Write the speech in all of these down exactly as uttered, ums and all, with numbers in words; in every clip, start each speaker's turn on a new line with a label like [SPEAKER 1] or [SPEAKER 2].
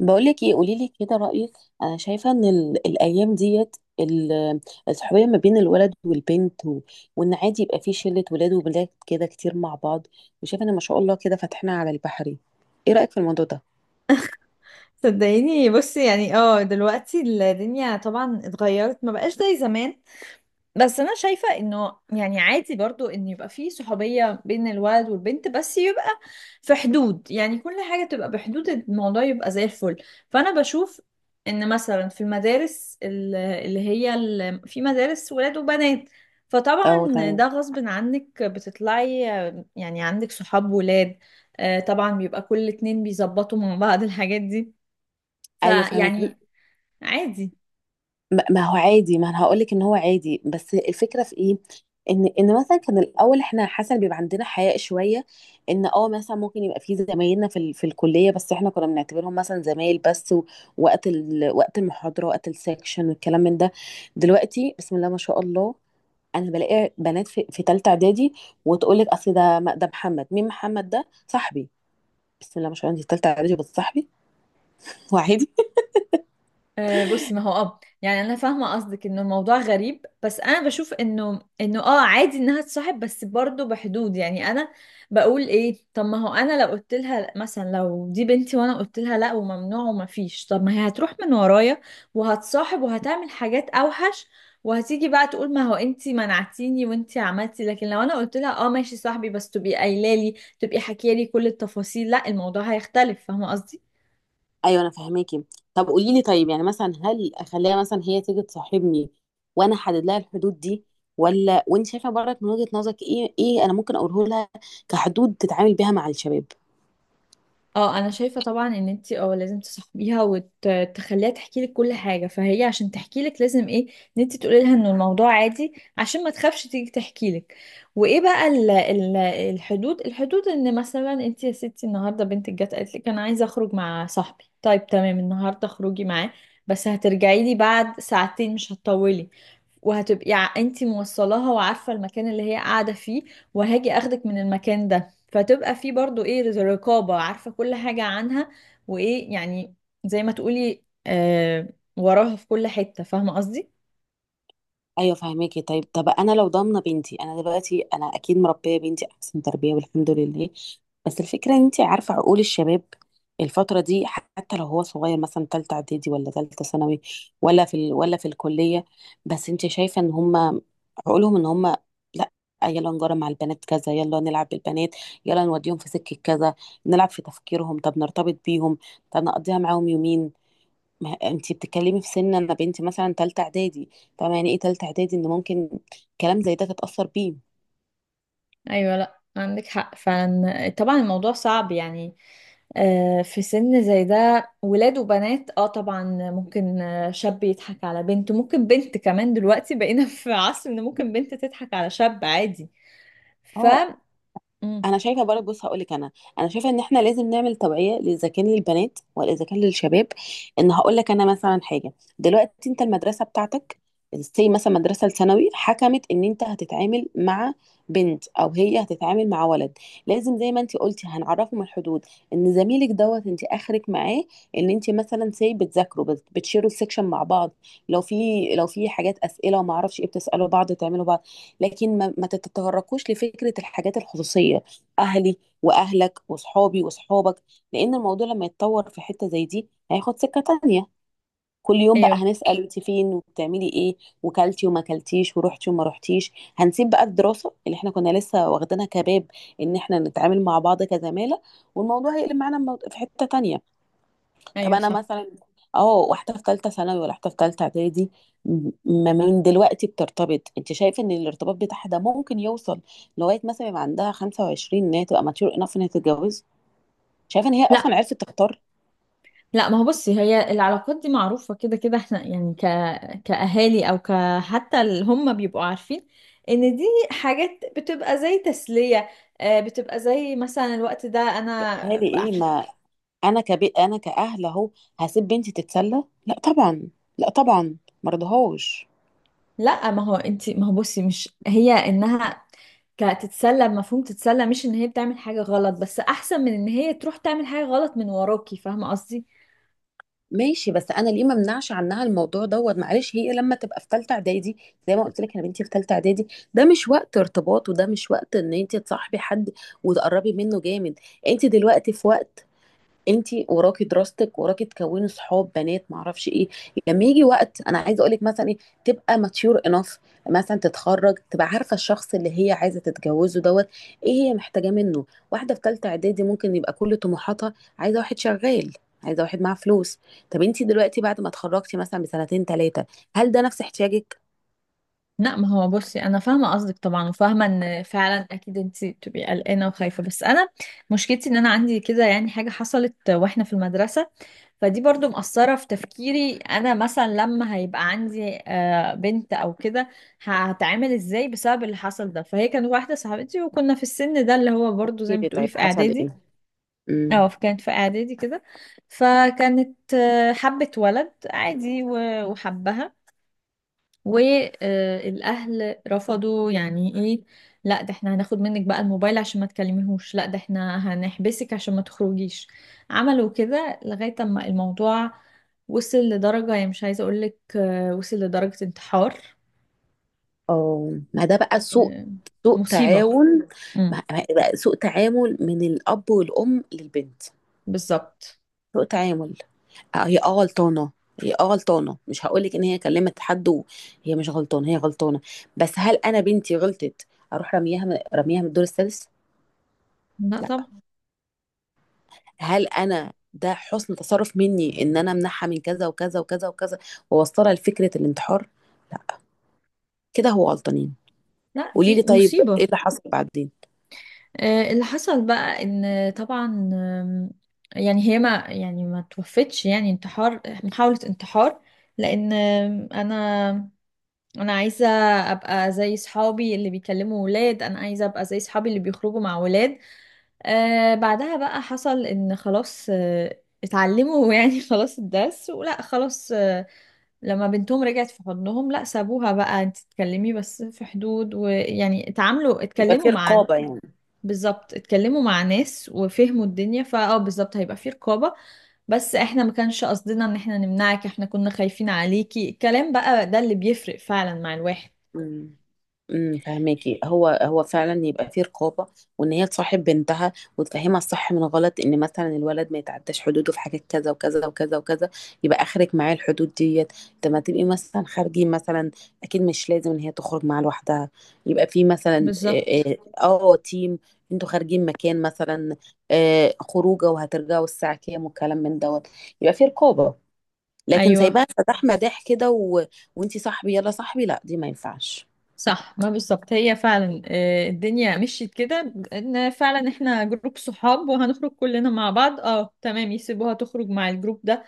[SPEAKER 1] بقولك ايه، قوليلي كده رأيك. انا شايفة ان ال- الايام ديت ال- الصحوبية ما بين الولد والبنت و... وان عادي يبقى في شلة ولاد وبنات كده كتير مع بعض، وشايفة ان ما شاء الله كده فاتحنا على البحري. ايه رأيك في الموضوع ده؟
[SPEAKER 2] صدقيني، بصي يعني اه دلوقتي الدنيا طبعا اتغيرت، ما بقاش زي زمان. بس انا شايفة انه يعني عادي برضو ان يبقى في صحوبية بين الولد والبنت، بس يبقى في حدود. يعني كل حاجة تبقى بحدود، الموضوع يبقى زي الفل. فانا بشوف ان مثلا في المدارس ال- اللي هي ال- في مدارس ولاد وبنات،
[SPEAKER 1] او
[SPEAKER 2] فطبعا
[SPEAKER 1] تمام.
[SPEAKER 2] ده غصب عنك بتطلعي يعني عندك صحاب ولاد. آه، طبعا بيبقى كل اتنين بيظبطوا مع بعض الحاجات دي،
[SPEAKER 1] ايوه فاهمك.
[SPEAKER 2] فيعني عادي.
[SPEAKER 1] ما ما هو عادي، ما انا هقول لك ان هو عادي، بس الفكره في ايه. ان ان مثلا كان الاول احنا حسن بيبقى عندنا حياء شويه، ان اه مثلا ممكن يبقى في زمايلنا في ال- في الكليه، بس احنا كنا بنعتبرهم مثلا زمايل بس و- وقت ال... وقت المحاضره وقت السكشن والكلام من ده. دلوقتي بسم الله ما شاء الله، انا بلاقي بنات في في ثالثه اعدادي، وتقول لك اصل ده ده محمد. مين محمد ده؟ صاحبي. بسم الله ما شاء الله، انت في ثالثه اعدادي بس صاحبي وعادي.
[SPEAKER 2] آه بصي، ما هو اه يعني انا فاهمه قصدك انه الموضوع غريب، بس انا بشوف انه انه اه عادي انها تصاحب، بس برضه بحدود. يعني انا بقول ايه؟ طب ما هو انا لو قلت لها مثلا، لو دي بنتي وانا قلت لها لا وممنوع وما فيش، طب ما هي هتروح من ورايا وهتصاحب وهتعمل حاجات اوحش، وهتيجي بقى تقول ما هو انتي منعتيني وانتي عملتي. لكن لو انا قلت لها اه ماشي صاحبي، بس تبقي قايله لي، تبقي حكيه لي كل التفاصيل، لا الموضوع هيختلف. فاهمه قصدي؟
[SPEAKER 1] ايوه انا فاهماكي. طب قولي لي، طيب يعني مثلا هل اخليها مثلا هي تيجي تصاحبني وانا احدد لها الحدود دي، ولا وانت شايفه برضك من وجهة نظرك ايه، ايه انا ممكن اقوله لها كحدود تتعامل بيها مع الشباب؟
[SPEAKER 2] اه انا شايفه طبعا ان انت اه لازم تصاحبيها وتخليها تحكي لك كل حاجه. فهي عشان تحكي لك لازم ايه؟ ان انت تقولي لها ان الموضوع عادي عشان ما تخافش تيجي تحكي لك. وايه بقى ال ال الحدود الحدود؟ ان مثلا انت يا ستي النهارده بنتك جت قالت لك انا عايزه اخرج مع صاحبي، طيب تمام، النهارده اخرجي معاه بس هترجعي لي بعد ساعتين، مش هتطولي. وهتبقي انت موصلاها وعارفه المكان اللي هي قاعده فيه، وهاجي اخدك من المكان ده. فتبقى في برضو ايه، رز- رقابة، عارفة كل حاجة عنها. وايه يعني، زي ما تقولي آه وراها في كل حتة. فاهمة قصدي؟
[SPEAKER 1] ايوه فهماكي. طيب، طب انا لو ضامنه بنتي، انا دلوقتي انا اكيد مربيه بنتي احسن تربيه والحمد لله، بس الفكره ان انت عارفه عقول الشباب الفتره دي، حتى لو هو صغير مثلا تالتة اعدادي ولا تالتة ثانوي ولا في ال... ولا في الكليه، بس انت شايفه ان هم عقولهم ان هم، لا، يلا نجرى مع البنات كذا، يلا نلعب بالبنات، يلا نوديهم في سكه كذا، نلعب في تفكيرهم، طب نرتبط بيهم، طب نقضيها معاهم يومين. ما انتي بتتكلمي في سن، انا بنتي مثلا تالتة اعدادي، طبعا يعني ايه تالتة اعدادي، ان ممكن كلام زي ده تتأثر بيه.
[SPEAKER 2] ايوه، لا عندك حق فعلا. طبعا الموضوع صعب يعني. آه في سن زي ده، ولاد وبنات اه طبعا ممكن، آه، شاب يضحك على بنت، ممكن بنت كمان دلوقتي بقينا في عصر ان ممكن بنت تضحك على شاب عادي. ف
[SPEAKER 1] اه
[SPEAKER 2] مم،
[SPEAKER 1] انا شايفه برضه، بص هقول لك انا، انا شايفه ان احنا لازم نعمل توعيه اذا كان للبنات ولا اذا كان للشباب. ان هقول لك انا مثلا حاجه، دلوقتي انت المدرسه بتاعتك زي مثلا مدرسه الثانوي حكمت ان انت هتتعامل مع بنت او هي هتتعامل مع ولد، لازم زي ما انت قلتي هنعرفهم الحدود. ان زميلك دوت انت اخرك معاه ان انت مثلا سي بتذاكروا، بت- بتشيروا السكشن مع بعض، لو في، لو في حاجات اسئله وما اعرفش ايه بتسالوا بعض تعملوا بعض، لكن ما, ما تتطرقوش لفكره الحاجات الخصوصيه، اهلي واهلك وصحابي وصحابك، لان الموضوع لما يتطور في حته زي دي هياخد سكه تانية. كل يوم بقى
[SPEAKER 2] ايوه،
[SPEAKER 1] هنسال انت فين وبتعملي ايه، وكلتي وما كلتيش ورحتي وما رحتيش، هنسيب بقى الدراسه اللي احنا كنا لسه واخدينها كباب، ان احنا نتعامل مع بعض كزماله، والموضوع هيقلب معانا مو- في حته تانية. طب
[SPEAKER 2] ايوه،
[SPEAKER 1] انا
[SPEAKER 2] صح.
[SPEAKER 1] مثلا، اه واحده في ثالثه ثانوي ولا واحده في ثالثه اعدادي، م- ما من دلوقتي بترتبط، انت شايفه ان الارتباط بتاعها ده ممكن يوصل لغايه مثلا يبقى عندها خمسة وعشرين، ان هي تبقى ماتيور انف، ان هي تتجوز، شايفه ان هي اصلا
[SPEAKER 2] لا،
[SPEAKER 1] عرفت تختار؟
[SPEAKER 2] لا ما هو بصي هي العلاقات دي معروفة كده كده. احنا يعني ك... كأهالي او ك... حتى اللي هم بيبقوا عارفين ان دي حاجات بتبقى زي تسلية. آه، بتبقى زي مثلا الوقت ده انا
[SPEAKER 1] اهالي ايه؟
[SPEAKER 2] بح-
[SPEAKER 1] ما انا كبيت، انا كاهل اهو، هسيب بنتي تتسلى؟ لا طبعا. لا طبعا، مرضهوش.
[SPEAKER 2] لا ما هو انت ما هو بصي مش هي انها كتتسلى. مفهوم تتسلى مش ان هي بتعمل حاجة غلط، بس احسن من ان هي تروح تعمل حاجة غلط من وراكي. فاهمة قصدي؟
[SPEAKER 1] ماشي، بس انا ليه ما امنعش عنها الموضوع دوت؟ معلش، هي لما تبقى في ثالثه اعدادي، زي ما قلت لك انا بنتي في ثالثه اعدادي، ده مش وقت ارتباط وده مش وقت ان انت تصاحبي حد وتقربي منه جامد. انت دلوقتي في وقت، انتي وراكي دراستك، وراكي تكوني صحاب بنات معرفش ايه. لما يجي وقت انا عايزه اقولك مثلا ايه، تبقى ماتيور انف مثلا، تتخرج تبقى عارفه الشخص اللي هي عايزه تتجوزه دوت، ايه هي محتاجاه منه. واحده في ثالثه اعدادي ممكن يبقى كل طموحاتها عايزه واحد شغال، عايزه واحد معاه فلوس. طب انتي دلوقتي بعد ما اتخرجتي مثلا بسنتين ثلاثه، هل ده نفس احتياجك؟
[SPEAKER 2] لا ما هو بصي انا فاهمه قصدك طبعا، وفاهمه ان فعلا اكيد انت بتبقي قلقانه وخايفه، بس انا مشكلتي ان انا عندي كده يعني حاجه حصلت واحنا في المدرسه، فدي برضو مأثره في تفكيري. انا مثلا لما هيبقى عندي آه، بنت او كده، هتعامل ازاي بسبب اللي حصل ده. فهي كانت واحده صاحبتي وكنا في السن ده اللي هو برضو زي ما بتقولي
[SPEAKER 1] طيب
[SPEAKER 2] في
[SPEAKER 1] حصل
[SPEAKER 2] اعدادي.
[SPEAKER 1] ايه؟ امم
[SPEAKER 2] اه كانت في اعدادي كده، فكانت آه، حبت ولد عادي و- وحبها، والاهل رفضوا. يعني ايه، لا ده احنا هناخد منك بقى الموبايل عشان ما تكلميهوش، لا ده احنا هنحبسك عشان ما تخرجيش. عملوا كده لغاية اما الموضوع وصل لدرجة، يعني مش عايزة اقولك، آه، وصل لدرجة انتحار.
[SPEAKER 1] اه ما ده بقى سوء.
[SPEAKER 2] آه،
[SPEAKER 1] سوء
[SPEAKER 2] مصيبة.
[SPEAKER 1] تعاون.
[SPEAKER 2] امم
[SPEAKER 1] ما- ما- بقى سوء تعامل من الأب والأم للبنت.
[SPEAKER 2] بالظبط.
[SPEAKER 1] سوء تعامل. آه، هي اه غلطانة، هي اه غلطانة، مش هقولك ان هي كلمت حد وهي مش غلطانة، هي غلطانة، بس هل انا بنتي غلطت اروح رميها من رميها من الدور السادس؟
[SPEAKER 2] لا
[SPEAKER 1] لا.
[SPEAKER 2] طب،
[SPEAKER 1] هل انا ده حسن تصرف مني ان انا امنعها من كذا وكذا وكذا وكذا واوصلها لفكرة الانتحار؟ لا، كده هو غلطانين.
[SPEAKER 2] لا
[SPEAKER 1] قولي
[SPEAKER 2] دي
[SPEAKER 1] لي طيب،
[SPEAKER 2] مصيبة.
[SPEAKER 1] ايه اللي حصل بعدين؟
[SPEAKER 2] آه، اللي حصل بقى ان طبعا آم، يعني هي ما يعني ما توفتش، يعني انتحار، محاولة انتحار. لان آم، انا انا عايزة ابقى زي صحابي اللي بيكلموا ولاد، انا عايزة ابقى زي صحابي اللي بيخرجوا مع ولاد. آه بعدها بقى حصل ان خلاص آه اتعلموا يعني خلاص الدرس، ولا خلاص آه لما بنتهم رجعت في حضنهم، لا سابوها بقى انت تتكلمي بس في حدود، ويعني اتعاملوا
[SPEAKER 1] يبقى
[SPEAKER 2] اتكلموا
[SPEAKER 1] في
[SPEAKER 2] مع.
[SPEAKER 1] رقابة يعني.
[SPEAKER 2] بالظبط، اتكلموا مع ناس وفهموا الدنيا. فاه بالظبط هيبقى فيه رقابة. بس احنا ما كانش قصدنا ان احنا نمنعك، احنا كنا خايفين عليكي. الكلام بقى ده اللي بيفرق فعلا مع الواحد.
[SPEAKER 1] مم. امم فهماكي، هو هو فعلا يبقى فيه رقابه، وان هي تصاحب بنتها وتفهمها الصح من غلط، ان مثلا الولد ما يتعداش حدوده في حاجات كذا وكذا وكذا وكذا، يبقى اخرك معاه الحدود ديت. لما تبقي مثلا خارجين مثلا، اكيد مش لازم ان هي تخرج معاه لوحدها، يبقى في مثلا
[SPEAKER 2] بالظبط.
[SPEAKER 1] اه آه، آه، تيم، انتوا خارجين مكان مثلا، آه خروجه وهترجعوا الساعه كام والكلام من دوت، يبقى فيه رقابه. لكن
[SPEAKER 2] ايوه
[SPEAKER 1] سايباها فتح مداح كده و... وانتي صاحبي يلا صاحبي، لا دي ما ينفعش.
[SPEAKER 2] صح. ما بالظبط هي فعلا آه، الدنيا مشيت كده، ان فعلا احنا جروب صحاب وهنخرج كلنا مع بعض اه تمام، يسيبوها تخرج مع الجروب ده،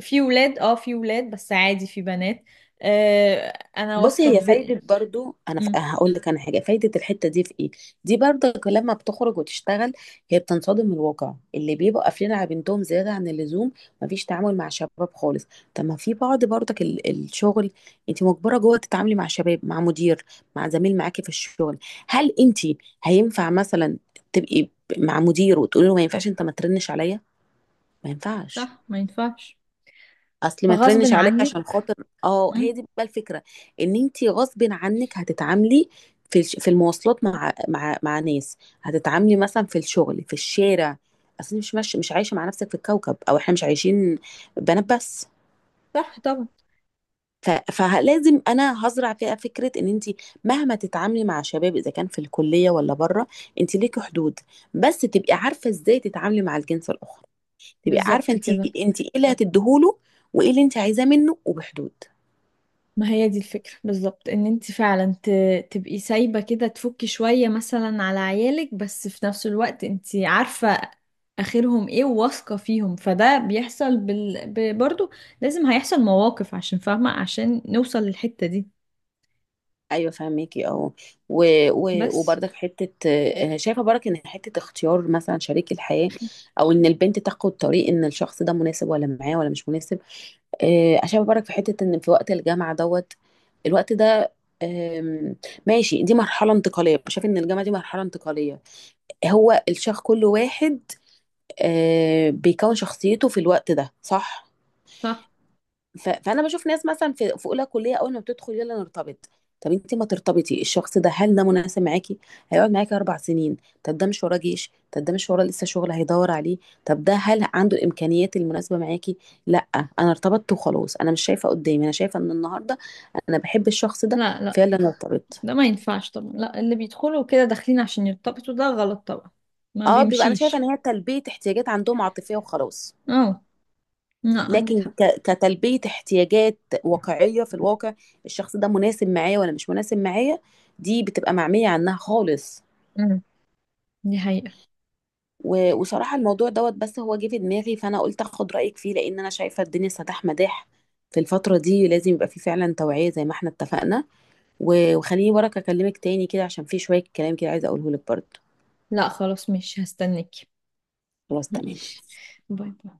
[SPEAKER 2] في ولاد اه في ولاد بس عادي في بنات. آه، انا
[SPEAKER 1] بصي
[SPEAKER 2] واثقة في
[SPEAKER 1] هي
[SPEAKER 2] بقى.
[SPEAKER 1] فايدة برضو، أنا ف-
[SPEAKER 2] مم،
[SPEAKER 1] هقول لك أنا حاجة، فايدة الحتة دي في إيه؟ دي برضك لما بتخرج وتشتغل، هي بتنصدم من الواقع اللي بيبقوا قافلين على بنتهم زيادة عن اللزوم، مفيش تعامل مع شباب خالص. طب ما في بعض برضك ال- الشغل أنت مجبرة جوه تتعاملي مع شباب، مع مدير، مع زميل معاكي في الشغل. هل أنت هينفع مثلا تبقي ب- مع مدير وتقولي له ما ينفعش أنت ما ترنش عليا؟ ما ينفعش.
[SPEAKER 2] صح، ما ينفعش.
[SPEAKER 1] اصل ما
[SPEAKER 2] فغصب
[SPEAKER 1] ترنش عليا
[SPEAKER 2] عنك.
[SPEAKER 1] عشان خاطر. اه، هي
[SPEAKER 2] مم.
[SPEAKER 1] دي بقى الفكره، ان انت غصب عنك هتتعاملي في الش- في المواصلات مع مع مع ناس، هتتعاملي مثلا في الشغل، في الشارع، اصل مش مش مش عايشه مع نفسك في الكوكب، او احنا مش عايشين بنات بس.
[SPEAKER 2] صح طبعا.
[SPEAKER 1] ف- فلازم انا هزرع فيها فكره ان انت مهما تتعاملي مع شباب اذا كان في الكليه ولا بره انت ليكي حدود، بس تبقي عارفه ازاي تتعاملي مع الجنس الاخر، تبقي عارفه
[SPEAKER 2] بالظبط
[SPEAKER 1] انت،
[SPEAKER 2] كده،
[SPEAKER 1] انت ايه اللي هتديهوله وايه اللي انت عايزاه منه، وبحدود.
[SPEAKER 2] ما هي دي الفكرة بالظبط. ان انت فعلا ت... تبقي سايبة كده، تفكي شوية مثلا على عيالك، بس في نفس الوقت انت عارفة اخرهم ايه وواثقة فيهم. فده بيحصل بال... ب... برضو لازم هيحصل مواقف عشان فاهمة، عشان نوصل للحتة دي.
[SPEAKER 1] ايوه فاهميكي اه. و... و...
[SPEAKER 2] بس
[SPEAKER 1] وبرضك حته آه، شايفه برضك ان حته اختيار مثلا شريك الحياه، او ان البنت تاخد طريق ان الشخص ده مناسب ولا معاه ولا مش مناسب، آه شايفه برضك في حته ان في وقت الجامعه دوت، الوقت ده، آم، ماشي، دي مرحله انتقاليه، شايفه ان الجامعه دي مرحله انتقاليه، هو الشخص كل واحد آه بيكون شخصيته في الوقت ده، صح؟
[SPEAKER 2] صح.
[SPEAKER 1] ف... فانا بشوف ناس مثلا في في اولى كليه اول ما بتدخل يلا نرتبط. طب انت ما ترتبطي، الشخص ده هل ده مناسب معاكي، هيقعد معاكي اربع سنين، طب ده مش وراه جيش، طب ده مش وراه لسه شغل هيدور عليه، طب ده هل عنده الامكانيات المناسبه معاكي؟ لا، انا ارتبطت وخلاص، انا مش شايفه قدامي، انا شايفه ان النهارده انا بحب الشخص ده
[SPEAKER 2] لا، لا
[SPEAKER 1] فيلا نرتبط.
[SPEAKER 2] ده ما ينفعش طبعا. لا اللي بيدخلوا كده داخلين عشان يرتبطوا ده غلط طبعا، ما
[SPEAKER 1] اه بيبقى انا شايفه ان
[SPEAKER 2] بيمشيش.
[SPEAKER 1] هي تلبيه احتياجات عندهم عاطفيه وخلاص،
[SPEAKER 2] اه. لا عندك
[SPEAKER 1] لكن
[SPEAKER 2] حق.
[SPEAKER 1] ك- كتلبية احتياجات واقعية في الواقع، الشخص ده مناسب معايا ولا مش مناسب معايا، دي بتبقى معمية عنها خالص.
[SPEAKER 2] مم. دي حقيقة.
[SPEAKER 1] و- وصراحة الموضوع دوت بس هو جه في دماغي، فأنا قلت أخد رأيك فيه، لأن أنا شايفة الدنيا سداح مداح في الفترة دي، لازم يبقى في فعلا توعية زي ما احنا اتفقنا. و- وخليني وراك أكلمك تاني كده، عشان في شوية كلام كده عايزة أقوله لك برضه.
[SPEAKER 2] لا خلاص مش هستناكي.
[SPEAKER 1] خلاص تمام.
[SPEAKER 2] ماشي. باي باي.